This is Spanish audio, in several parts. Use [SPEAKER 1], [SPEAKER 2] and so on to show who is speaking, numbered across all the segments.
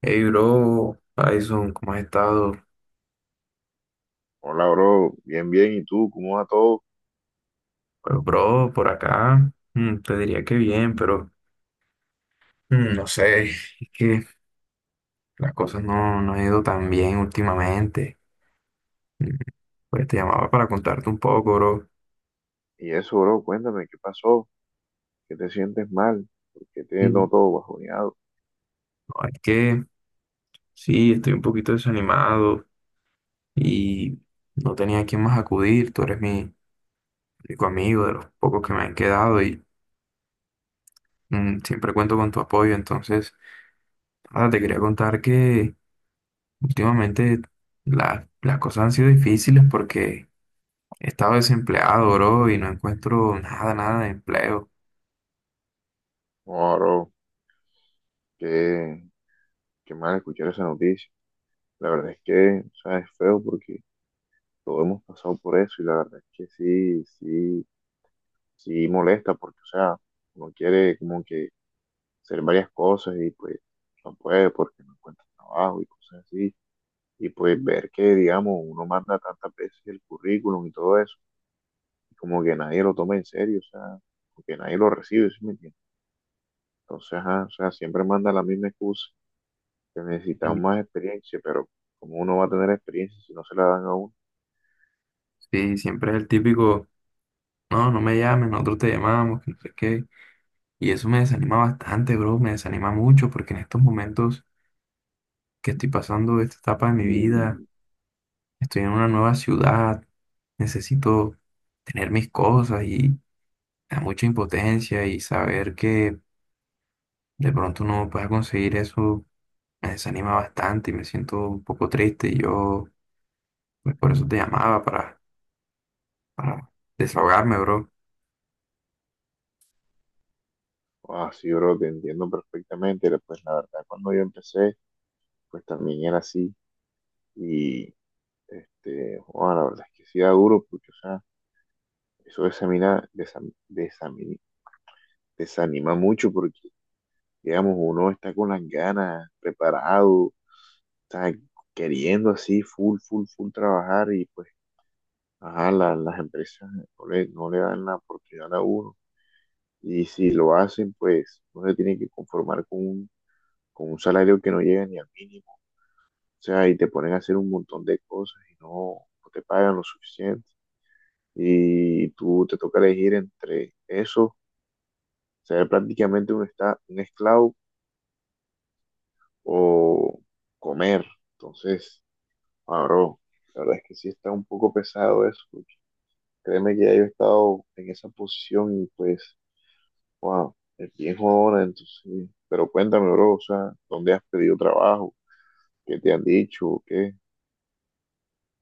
[SPEAKER 1] Hey, bro, Tyson, ¿cómo has estado?
[SPEAKER 2] Hola, bro. Bien, bien. ¿Y tú? ¿Cómo va todo?
[SPEAKER 1] Pues, bro, por acá te diría que bien, pero no sé, es que las cosas no han ido tan bien últimamente. Mm, Pues te llamaba para contarte un poco, bro.
[SPEAKER 2] Y eso, bro, cuéntame, ¿qué pasó? ¿Qué te sientes mal? ¿Por qué te
[SPEAKER 1] Mm,
[SPEAKER 2] noto bajoneado?
[SPEAKER 1] No, es que sí, estoy un poquito desanimado y no tenía a quién más acudir. Tú eres mi único amigo de los pocos que me han quedado y siempre cuento con tu apoyo. Entonces, nada, te quería contar que. Últimamente las cosas han sido difíciles porque he estado desempleado, bro, y no encuentro nada de empleo.
[SPEAKER 2] No, bro, qué, qué mal escuchar esa noticia. La verdad es que, o sea, es feo porque todos hemos pasado por eso y la verdad es que sí, sí, sí molesta porque, o sea, uno quiere como que hacer varias cosas y pues no puede porque no encuentra trabajo y cosas así. Y pues ver que, digamos, uno manda tantas veces el currículum y todo eso como que nadie lo toma en serio, o sea, porque nadie lo recibe, ¿sí me entiendes? Entonces, ajá, o sea, siempre manda la misma excusa, que necesitamos
[SPEAKER 1] Y
[SPEAKER 2] más experiencia, pero como uno va a tener experiencia si no se la dan a uno?
[SPEAKER 1] sí, siempre es el típico, no me llames, nosotros te llamamos, que no sé qué. Y eso me desanima bastante, bro, me desanima mucho porque en estos momentos que estoy pasando esta etapa de mi vida,
[SPEAKER 2] Mm.
[SPEAKER 1] estoy en una nueva ciudad, necesito tener mis cosas y me da mucha impotencia y saber que de pronto no pueda conseguir eso me desanima bastante y me siento un poco triste y yo pues, por eso te llamaba para desahogarme, bro.
[SPEAKER 2] Ah, sí, bro, te entiendo perfectamente. Pero, pues la verdad, cuando yo empecé, pues también era así. Y este, bueno, la verdad es que sí da duro, porque, o sea, eso desamina, desanima mucho, porque, digamos, uno está con las ganas, preparado, sea, queriendo así, full, full, full trabajar y pues, ajá, las empresas no le dan la oportunidad a uno. Y si lo hacen, pues uno se tiene que conformar con un salario que no llega ni al mínimo. O sea, y te ponen a hacer un montón de cosas y no, no te pagan lo suficiente. Y tú te toca elegir entre eso, ser prácticamente un, un esclavo o comer. Entonces, ahora, la verdad es que sí está un poco pesado eso. Créeme que ya yo he estado en esa posición y pues, wow, es bien jodona, entonces. Pero cuéntame, bro, o sea, ¿dónde has pedido trabajo? ¿Qué te han dicho? ¿O qué?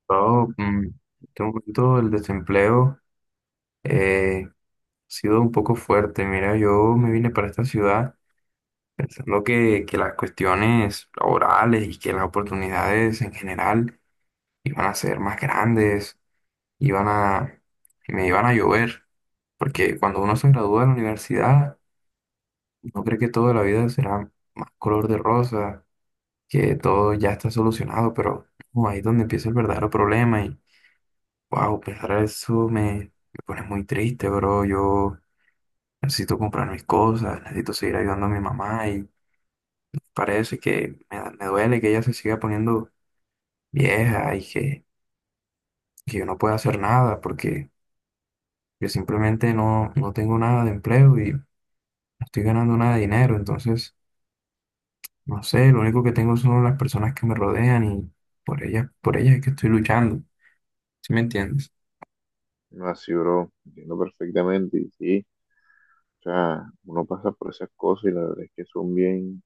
[SPEAKER 1] Yo, en este momento el desempleo ha sido un poco fuerte. Mira, yo me vine para esta ciudad pensando que las cuestiones laborales y que las oportunidades en general iban a ser más grandes, iban a, me iban a llover, porque cuando uno se gradúa de la universidad, no cree que toda la vida será más color de rosa que todo ya está solucionado, pero ahí es donde empieza el verdadero problema y wow, pensar eso me pone muy triste, bro. Yo necesito comprar mis cosas, necesito seguir ayudando a mi mamá y parece que me duele que ella se siga poniendo vieja y que yo no pueda hacer nada porque yo simplemente no tengo nada de empleo y no estoy ganando nada de dinero, entonces no sé, lo único que tengo son las personas que me rodean y por ellas es que estoy luchando, ¿sí me entiendes?
[SPEAKER 2] No, así, bro, entiendo perfectamente. Y sí, o sea, uno pasa por esas cosas y la verdad es que son bien,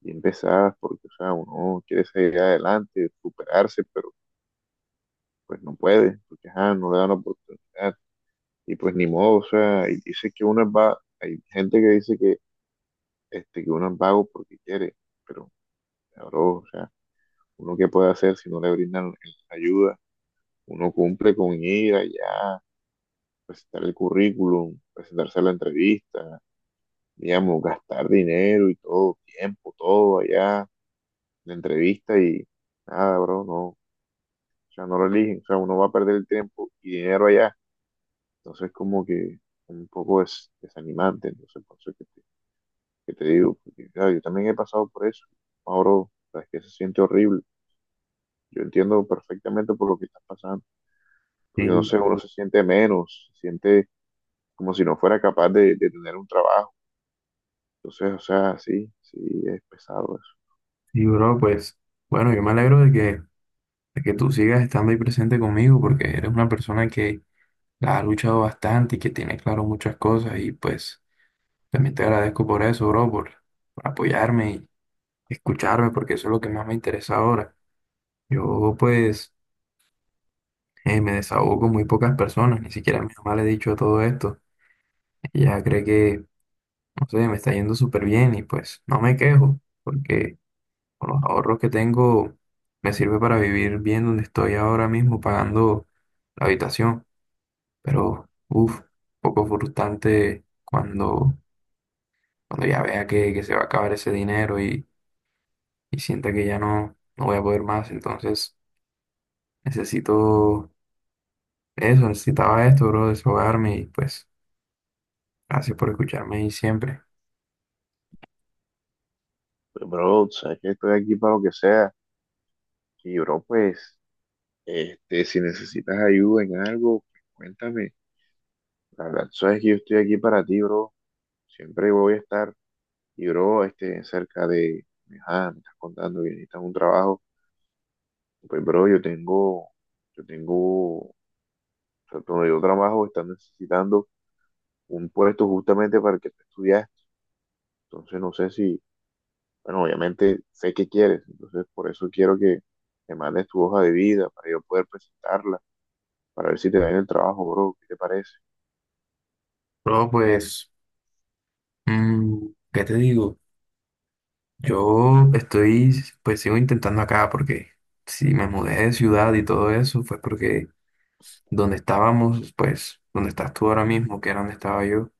[SPEAKER 2] bien pesadas porque, o sea, uno quiere seguir adelante, superarse, pero pues no puede, porque, ajá, no le dan la oportunidad. Y pues ni modo, o sea, y dice que uno es va, hay gente que dice que, este, que uno es vago porque quiere. Pero bro, o sea, uno qué puede hacer si no le brindan ayuda, uno cumple con ir allá, presentar el currículum, presentarse a la entrevista, digamos, gastar dinero y todo, tiempo, todo allá, la entrevista y nada, bro, no, o sea, no lo eligen, o sea, uno va a perder el tiempo y dinero allá, entonces como que un poco es desanimante, entonces por eso que te digo, porque claro, yo también he pasado por eso, ahora, o sea, es que se siente horrible, yo entiendo perfectamente por lo que estás pasando. Porque no
[SPEAKER 1] Sí.
[SPEAKER 2] sé, uno se siente menos, se siente como si no fuera capaz de tener un trabajo. Entonces, o sea, sí, sí, es pesado eso.
[SPEAKER 1] Sí, bro, pues bueno, yo me alegro de de que tú sigas estando ahí presente conmigo porque eres una persona que la ha luchado bastante y que tiene claro muchas cosas y pues también te agradezco por eso, bro, por apoyarme y escucharme porque eso es lo que más me interesa ahora. Yo pues me desahogo con muy pocas personas, ni siquiera a mi mamá le he dicho todo esto. Ella cree que, no sé, me está yendo súper bien y pues no me quejo porque... Con los ahorros que tengo, me sirve para vivir bien donde estoy ahora mismo pagando la habitación. Pero, uff, poco frustrante cuando ya vea que se va a acabar ese dinero y sienta que ya no voy a poder más. Entonces, necesito eso, necesitaba esto, bro, desahogarme y pues, gracias por escucharme y siempre.
[SPEAKER 2] Pero, bro, sabes que estoy aquí para lo que sea. Y, bro, pues, este, si necesitas ayuda en algo, cuéntame. La verdad, sabes que yo estoy aquí para ti, bro. Siempre voy a estar. Y, bro, este, cerca de, ajá, me estás contando que necesitas un trabajo. Pues, bro, yo tengo, o sea, donde yo trabajo, están necesitando un puesto justamente para el que tú estudiaste. Entonces no sé si, bueno, obviamente sé qué quieres, entonces por eso quiero que me mandes tu hoja de vida para yo poder presentarla, para ver si te dan el trabajo, bro, ¿qué te parece?
[SPEAKER 1] Bro, pues, mm, ¿qué te digo? Yo estoy, pues sigo intentando acá porque si me mudé de ciudad y todo eso fue porque donde estábamos, pues donde estás tú ahora mismo, que era donde estaba yo,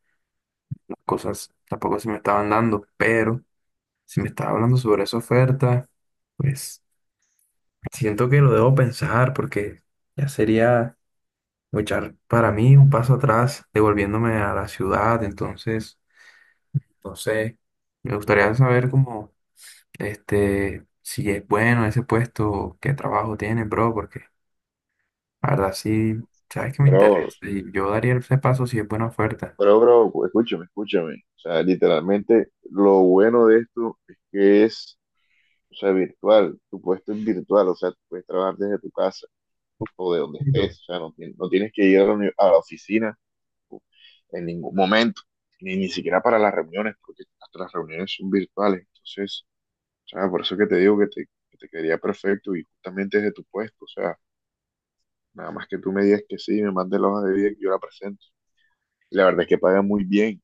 [SPEAKER 1] las cosas tampoco se me estaban dando, pero si me estaba hablando sobre esa oferta, pues siento que lo debo pensar porque ya sería echar para mí un paso atrás devolviéndome a la ciudad, entonces, no sé, me gustaría saber cómo... Este, si es bueno ese puesto, qué trabajo tiene, bro, porque la verdad sí, sabes que me
[SPEAKER 2] Bro,
[SPEAKER 1] interesa. Y yo daría ese paso si es buena oferta.
[SPEAKER 2] bro, escúchame. O sea, literalmente lo bueno de esto es que es, o sea, virtual. Tu puesto es virtual, o sea, tú puedes trabajar desde tu casa o de donde
[SPEAKER 1] Y yo,
[SPEAKER 2] estés. O sea, no, no tienes que ir a la, a la oficina o- en ningún momento, ni siquiera para las reuniones, porque hasta las reuniones son virtuales. Entonces, o sea, por eso que te digo que te quedaría perfecto y justamente desde tu puesto. O sea, nada más que tú me digas que sí, me mandes la hoja de vida y yo la presento. Y la verdad es que paga muy bien.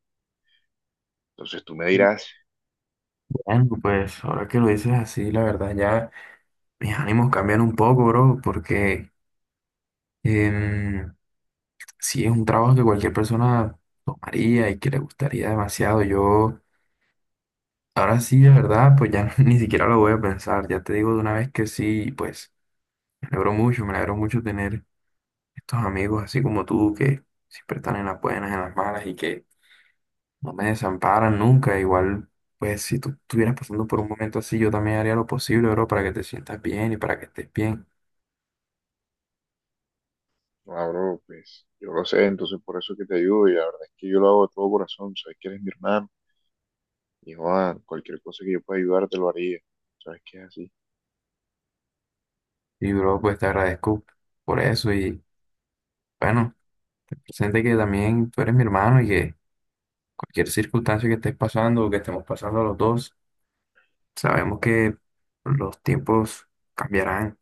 [SPEAKER 2] Entonces tú me dirás,
[SPEAKER 1] Bueno, pues ahora que lo dices así, la verdad ya mis ánimos cambian un poco, bro, porque em, sí es un trabajo que cualquier persona tomaría y que le gustaría demasiado. Yo ahora sí, de verdad, pues ya ni siquiera lo voy a pensar. Ya te digo de una vez que sí, pues me alegro mucho tener estos amigos así como tú que siempre están en las buenas, en las malas y que no me desamparan nunca. Igual, pues si tú estuvieras pasando por un momento así, yo también haría lo posible, bro, para que te sientas bien y para que estés bien.
[SPEAKER 2] no, bro, pues yo lo sé, entonces por eso que te ayudo y la verdad es que yo lo hago de todo corazón. Sabes que eres mi hermano y Juan, cualquier cosa que yo pueda ayudar te lo haría. Sabes que es así.
[SPEAKER 1] Y, bro, pues te agradezco por eso y bueno, ten presente que también tú eres mi hermano y que cualquier circunstancia que estés pasando o que estemos pasando los dos, sabemos que los cambiarán,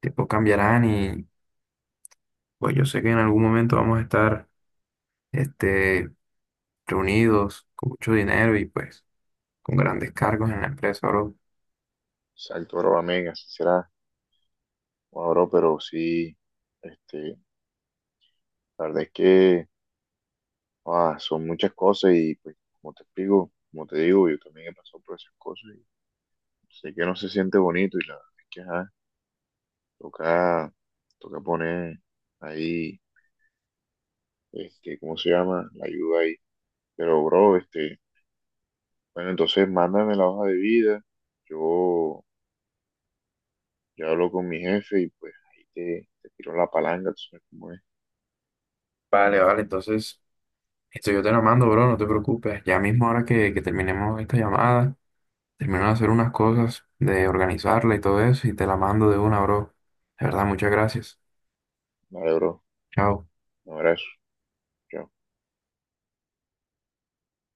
[SPEAKER 1] tiempos cambiarán y pues yo sé que en algún momento vamos a estar, este, reunidos, con mucho dinero y pues con grandes cargos en la empresa, bro.
[SPEAKER 2] Exacto, bro, amén, así será. Bueno, bro, pero sí, este, la verdad es que ah, son muchas cosas y pues como te explico, como te digo, yo también he pasado por esas cosas y sé que no se siente bonito y la verdad es que ajá, toca, toca poner ahí, este, ¿cómo se llama? La ayuda ahí. Pero bro, este, bueno, entonces mándame la hoja de vida, yo ya hablo con mi jefe y pues ahí te, te tiro la palanca, tú sabes cómo es.
[SPEAKER 1] Vale, vale, entonces esto yo te lo mando, bro, no te preocupes. Ya mismo ahora que terminemos esta llamada, termino de hacer unas cosas, de organizarla y todo eso, y te la mando de una, bro. De verdad, muchas gracias.
[SPEAKER 2] Vale, bro,
[SPEAKER 1] Chao.
[SPEAKER 2] un abrazo, chao.